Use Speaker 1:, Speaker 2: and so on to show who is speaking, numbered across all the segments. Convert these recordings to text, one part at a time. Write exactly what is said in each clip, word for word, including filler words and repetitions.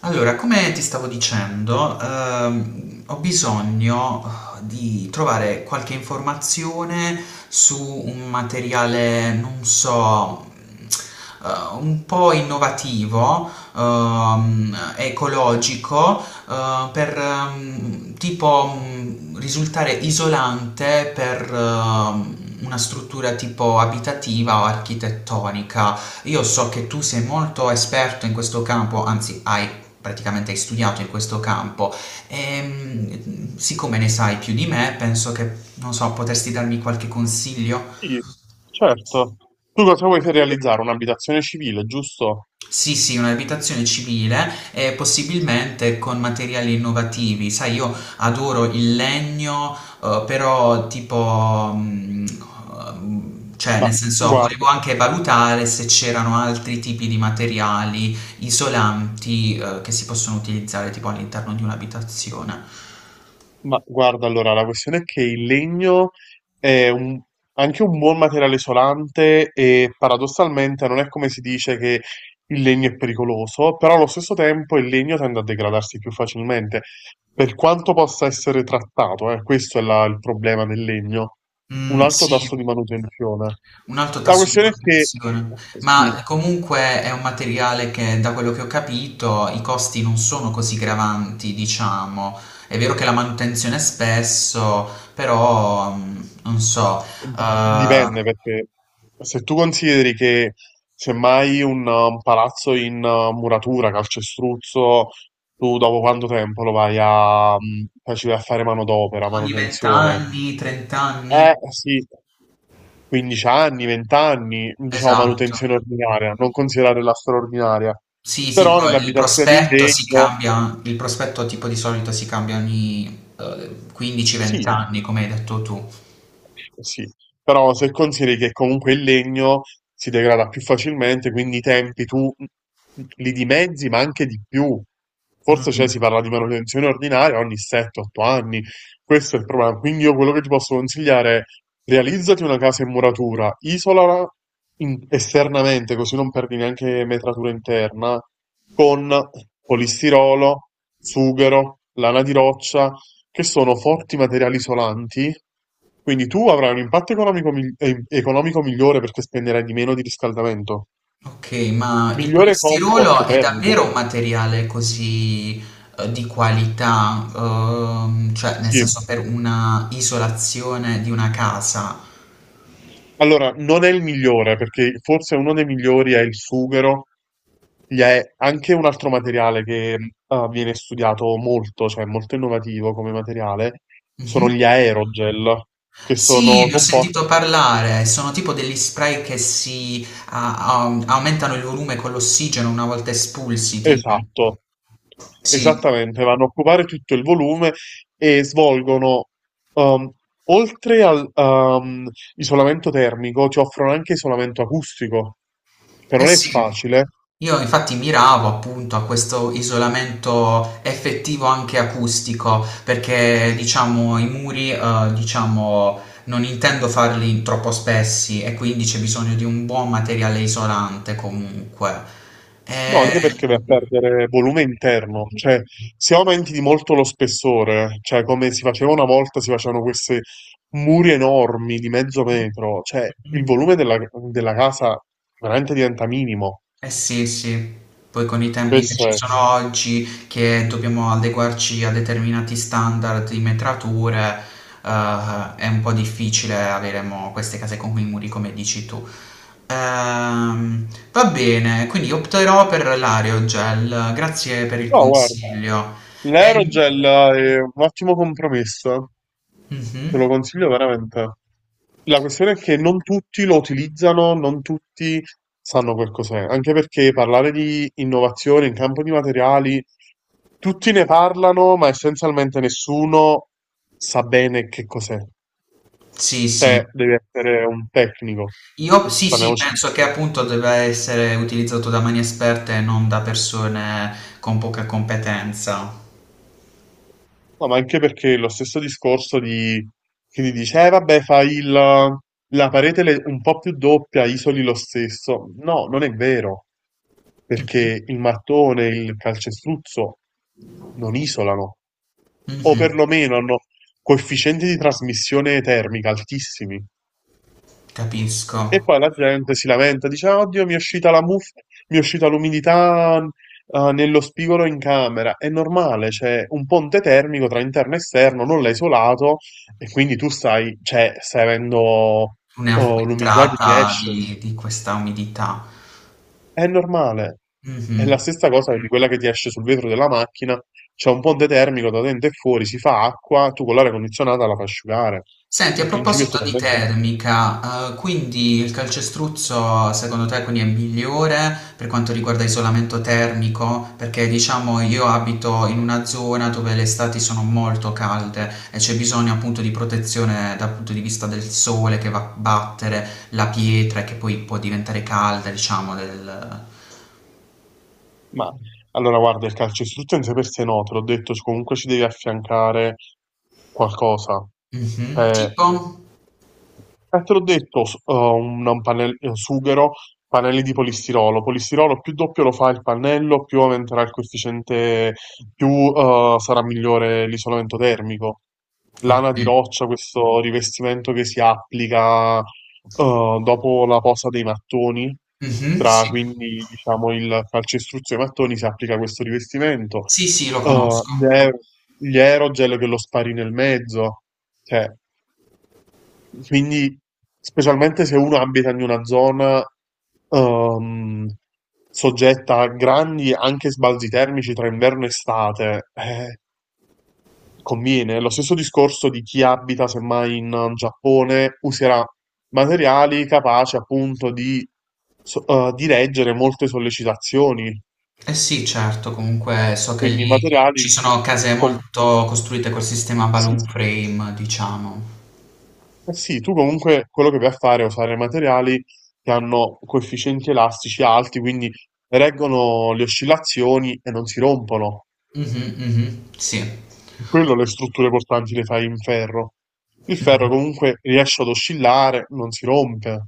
Speaker 1: Allora, come ti stavo dicendo, ehm, ho bisogno di trovare qualche informazione su un materiale, non so, eh, un po' innovativo, ehm, ecologico, eh, per ehm, tipo mh, risultare isolante per ehm, una struttura tipo abitativa o architettonica. Io so che tu sei molto esperto in questo campo, anzi, hai praticamente hai studiato in questo campo e mh, siccome ne sai più di me, penso che, non so, potresti darmi qualche consiglio?
Speaker 2: Sì, certo. Tu cosa vuoi per realizzare? Un'abitazione civile, giusto?
Speaker 1: Sì, sì, un'abitazione civile e possibilmente con materiali innovativi. Sai, io adoro il legno, eh, però tipo, mh, ehm, Cioè,
Speaker 2: Ma
Speaker 1: nel senso, volevo
Speaker 2: guarda,
Speaker 1: anche valutare se c'erano altri tipi di materiali isolanti, eh, che si possono utilizzare tipo all'interno di un'abitazione.
Speaker 2: ma guarda, allora, la questione è che il legno è un- anche un buon materiale isolante e paradossalmente non è come si dice che il legno è pericoloso, però allo stesso tempo il legno tende a degradarsi più facilmente, per quanto possa essere trattato, eh, questo è la- il problema del legno. Un
Speaker 1: Mm,
Speaker 2: alto
Speaker 1: sì.
Speaker 2: tasso di manutenzione.
Speaker 1: Un alto
Speaker 2: La
Speaker 1: tasso di
Speaker 2: questione è che,
Speaker 1: manutenzione,
Speaker 2: sì,
Speaker 1: ma comunque è un materiale che, da quello che ho capito, i costi non sono così gravanti, diciamo. È vero che la manutenzione è spesso, però mm, non so,
Speaker 2: Di-
Speaker 1: eh,
Speaker 2: Dipende perché se tu consideri che semmai un, uh, un palazzo in uh, muratura, calcestruzzo, tu dopo quanto tempo lo vai a, mm, poi ci vai a fare manodopera,
Speaker 1: ogni venti
Speaker 2: manutenzione?
Speaker 1: anni, trenta anni.
Speaker 2: Eh sì, quindici anni, venti anni, diciamo
Speaker 1: Esatto.
Speaker 2: manutenzione ordinaria, non considerare la straordinaria.
Speaker 1: Sì, sì,
Speaker 2: Però nelle
Speaker 1: poi il
Speaker 2: abitazioni in
Speaker 1: prospetto si
Speaker 2: legno,
Speaker 1: cambia, il prospetto tipo di solito si cambia ogni quindici venti
Speaker 2: sì,
Speaker 1: anni, come hai detto tu.
Speaker 2: sì, però se consideri che comunque il legno si degrada più facilmente, quindi i tempi tu mm, mm, li dimezzi, ma anche di più. Forse cioè,
Speaker 1: Mm.
Speaker 2: si parla di manutenzione ordinaria ogni sette otto anni. Questo è il problema. Quindi io quello che ti posso consigliare è realizzati una casa in muratura, isolala in- esternamente, così non perdi neanche metratura interna, con polistirolo, sughero, lana di roccia che sono forti materiali isolanti, quindi tu avrai un impatto economico, mi- eh, economico migliore perché spenderai di meno di riscaldamento.
Speaker 1: Ok, ma il
Speaker 2: Migliore comfort
Speaker 1: polistirolo è
Speaker 2: termico,
Speaker 1: davvero un materiale così eh, di qualità, Ehm, cioè nel
Speaker 2: sì.
Speaker 1: senso per una isolazione di una casa?
Speaker 2: Allora, non è il migliore, perché forse uno dei migliori è il sughero, gli è anche un altro materiale che eh, viene studiato molto, cioè molto innovativo come materiale, sono
Speaker 1: Mhm.
Speaker 2: gli aerogel, che
Speaker 1: Sì,
Speaker 2: sono
Speaker 1: ne ho sentito
Speaker 2: composti.
Speaker 1: parlare, sono tipo degli spray che si a- a- aumentano il volume con l'ossigeno una volta espulsi, tipo.
Speaker 2: Esatto.
Speaker 1: Sì.
Speaker 2: Esattamente, vanno a occupare tutto il volume e svolgono, ehm, oltre al, ehm, isolamento termico, ci offrono anche isolamento acustico, che
Speaker 1: Eh
Speaker 2: non è
Speaker 1: sì,
Speaker 2: facile,
Speaker 1: io infatti miravo appunto a questo isolamento effettivo anche acustico, perché diciamo i muri, eh, diciamo, non intendo farli troppo spessi e quindi c'è bisogno di un buon materiale isolante comunque.
Speaker 2: no,
Speaker 1: Eh,
Speaker 2: anche perché vai a perdere volume interno, cioè se aumenti di molto lo spessore, cioè come si faceva una volta, si facevano questi muri enormi di mezzo metro, cioè il volume della, della casa veramente diventa minimo.
Speaker 1: Eh sì, sì, poi con i tempi che
Speaker 2: Questo
Speaker 1: ci
Speaker 2: è...
Speaker 1: sono oggi, che dobbiamo adeguarci a determinati standard di metrature, eh, è un po' difficile avere mo queste case con i muri come dici tu. Ehm, va bene, quindi opterò per l'aerogel, grazie per il
Speaker 2: No, guarda.
Speaker 1: consiglio. Ehm,
Speaker 2: L'aerogel è un ottimo compromesso, te
Speaker 1: mhm,
Speaker 2: lo consiglio veramente. La questione è che non tutti lo utilizzano, non tutti sanno quel cos'è, anche perché parlare di innovazione in campo di materiali, tutti ne parlano, ma essenzialmente nessuno sa bene che cos'è.
Speaker 1: Sì, sì.
Speaker 2: Te devi essere un tecnico,
Speaker 1: Io sì, sì,
Speaker 2: parliamoci.
Speaker 1: penso che appunto debba essere utilizzato da mani esperte e non da persone con poca competenza.
Speaker 2: No, ma anche perché lo stesso discorso di chi ti dice, eh vabbè, fai il- la parete le- un po' più doppia, isoli lo stesso. No, non è vero, perché il mattone e il calcestruzzo non isolano, o
Speaker 1: Mh-mh.
Speaker 2: perlomeno hanno coefficienti di trasmissione termica altissimi.
Speaker 1: Capisco.
Speaker 2: E poi la gente si lamenta, dice: "Ah, oddio, mi è uscita la muffa, mi è uscita l'umidità eh, nello spigolo in camera. È normale, c'è un ponte termico tra interno e esterno, non l'hai isolato e quindi tu stai, cioè, stai avendo
Speaker 1: Una
Speaker 2: oh, l'umidità che ti
Speaker 1: filtrata
Speaker 2: esce.
Speaker 1: di di questa umidità.
Speaker 2: È normale. È
Speaker 1: Mh-mh.
Speaker 2: la stessa cosa di quella che ti esce sul vetro della macchina. C'è un ponte termico da dentro e fuori, si fa acqua, tu con l'aria condizionata la fai asciugare.
Speaker 1: Senti, a
Speaker 2: Il principio è
Speaker 1: proposito di
Speaker 2: totalmente.
Speaker 1: termica, uhm, quindi il calcestruzzo secondo te quindi è migliore per quanto riguarda isolamento termico? Perché diciamo io abito in una zona dove le estati sono molto calde e c'è bisogno appunto di protezione dal punto di vista del sole che va a battere la pietra e che poi può diventare calda, diciamo del.
Speaker 2: Ma allora guarda, il calcestruzzo in sé per sé no, te l'ho detto, comunque ci devi affiancare qualcosa.
Speaker 1: Mh-mh.
Speaker 2: Eh,
Speaker 1: Tipo?
Speaker 2: eh, te l'ho detto, s- eh, un, un pannell- eh, sughero, pannelli di polistirolo. Polistirolo più doppio lo fa il pannello, più aumenterà il coefficiente, più eh, sarà migliore l'isolamento termico. Lana di
Speaker 1: Okay.
Speaker 2: roccia, questo rivestimento che si applica eh, dopo la posa dei mattoni,
Speaker 1: Mh-mh,
Speaker 2: tra
Speaker 1: sì.
Speaker 2: quindi diciamo il calcestruzzo dei mattoni, si applica questo rivestimento.
Speaker 1: Sì, sì, lo
Speaker 2: Eh,
Speaker 1: conosco.
Speaker 2: gli aer- gli aerogel che lo spari nel mezzo. Cioè, quindi, specialmente se uno abita in una zona ehm, soggetta a grandi anche sbalzi termici tra inverno e estate, eh, conviene. Lo stesso discorso di chi abita semmai in Giappone userà materiali capaci appunto di, so- eh, di reggere molte sollecitazioni,
Speaker 1: Eh sì, certo, comunque so che
Speaker 2: quindi
Speaker 1: lì
Speaker 2: materiali
Speaker 1: ci sono case
Speaker 2: con,
Speaker 1: molto costruite col sistema balloon
Speaker 2: sì,
Speaker 1: frame, diciamo.
Speaker 2: eh sì, tu comunque quello che vai a fare è usare materiali che hanno coefficienti elastici alti, quindi reggono le oscillazioni e non si rompono.
Speaker 1: Mh-mh, mh-mh, sì.
Speaker 2: Per quello le strutture portanti le fai in ferro. Il
Speaker 1: Mh-mh.
Speaker 2: ferro comunque riesce ad oscillare, non si rompe.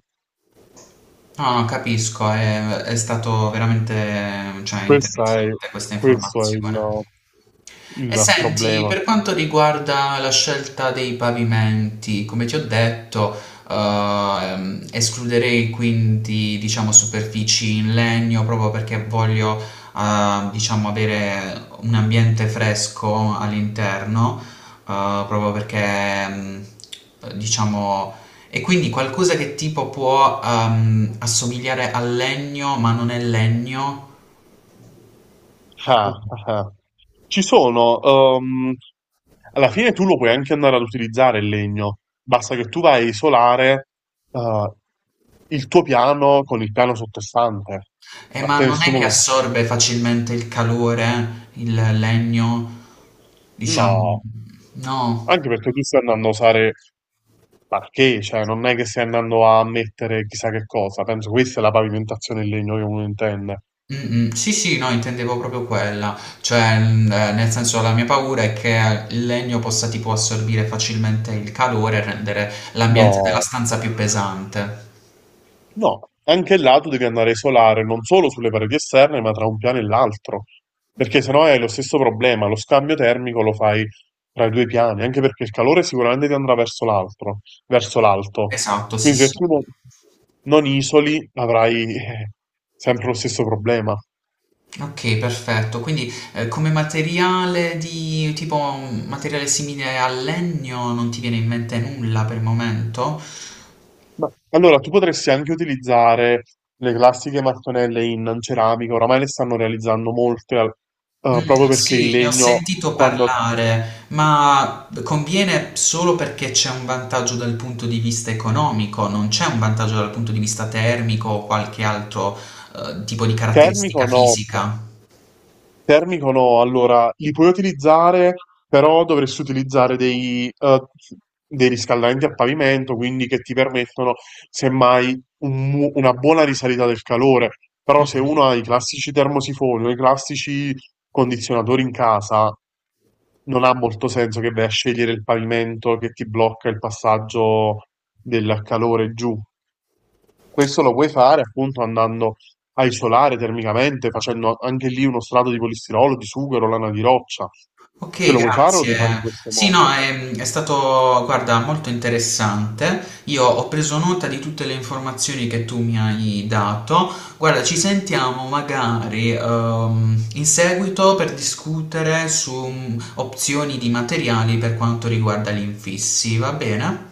Speaker 1: No, no, capisco, è è stato veramente, cioè,
Speaker 2: Questa è-
Speaker 1: interessante questa
Speaker 2: questo è il
Speaker 1: informazione. E
Speaker 2: il
Speaker 1: senti,
Speaker 2: problema.
Speaker 1: per quanto riguarda la scelta dei pavimenti, come ti ho detto, eh, ehm, escluderei quindi, diciamo, superfici in legno proprio perché voglio, eh, diciamo, avere un ambiente fresco all'interno, eh, proprio perché, mm, diciamo, e quindi qualcosa che tipo può, ehm, assomigliare al legno, ma non è legno.
Speaker 2: Ah, ah, ah. Ci sono, ehm, alla fine tu lo puoi anche andare ad utilizzare il legno, basta che tu vai a isolare, eh, il tuo piano con il piano sottostante.
Speaker 1: Eh,
Speaker 2: A
Speaker 1: ma
Speaker 2: te
Speaker 1: non è
Speaker 2: nessuno
Speaker 1: che
Speaker 2: lo...
Speaker 1: assorbe facilmente il calore, il legno, diciamo.
Speaker 2: No,
Speaker 1: No.
Speaker 2: anche perché tu stai andando a usare parquet, cioè non è che stai andando a mettere chissà che cosa, penso questa è la pavimentazione in legno che uno intende.
Speaker 1: Mm, mm. Sì, sì, no, intendevo proprio quella. Cioè, mm, eh, nel senso, la mia paura è che il legno possa tipo assorbire facilmente il calore e rendere l'ambiente della
Speaker 2: No.
Speaker 1: stanza più pesante.
Speaker 2: No, anche là tu devi andare a isolare non solo sulle pareti esterne, ma tra un piano e l'altro, perché sennò hai lo stesso problema, lo scambio termico lo fai tra i due piani, anche perché il calore sicuramente ti andrà verso l'altro, verso l'alto.
Speaker 1: Esatto, sì,
Speaker 2: Quindi se
Speaker 1: sì.
Speaker 2: tu non, non isoli avrai eh, sempre lo stesso problema.
Speaker 1: Ok, perfetto. Quindi eh, come materiale di tipo un materiale simile al legno non ti viene in mente nulla per il momento?
Speaker 2: Ma allora tu potresti anche utilizzare le classiche mattonelle in ceramica, oramai le stanno realizzando molte, al- eh, proprio
Speaker 1: Mm,
Speaker 2: perché il
Speaker 1: sì, ne ho
Speaker 2: legno
Speaker 1: sentito
Speaker 2: quando
Speaker 1: parlare, ma conviene solo perché c'è un vantaggio dal punto di vista economico, non c'è un vantaggio dal punto di vista termico o qualche altro eh, tipo di caratteristica
Speaker 2: termico no,
Speaker 1: fisica.
Speaker 2: termico no, allora li puoi utilizzare, però dovresti utilizzare dei, eh, dei riscaldamenti a pavimento, quindi che ti permettono semmai un mu- una buona risalita del calore. Però se uno ha i classici termosifoni o i classici condizionatori in casa, non ha molto senso che vai a scegliere il pavimento che ti blocca il passaggio del calore giù. Questo lo puoi fare appunto andando a isolare termicamente, facendo anche lì uno strato di polistirolo, di sughero, lana di roccia. Se
Speaker 1: Ok,
Speaker 2: lo vuoi fare, lo
Speaker 1: grazie.
Speaker 2: devi fare in questo
Speaker 1: Sì, no,
Speaker 2: modo.
Speaker 1: è, è stato, guarda, molto interessante. Io ho preso nota di tutte le informazioni che tu mi hai dato. Guarda, ci sentiamo magari ehm, in seguito per discutere su mm, opzioni di materiali per quanto riguarda gli infissi, va bene?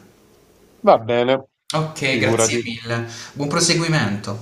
Speaker 2: Va bene,
Speaker 1: Ok, grazie
Speaker 2: figurati.
Speaker 1: mille. Buon proseguimento.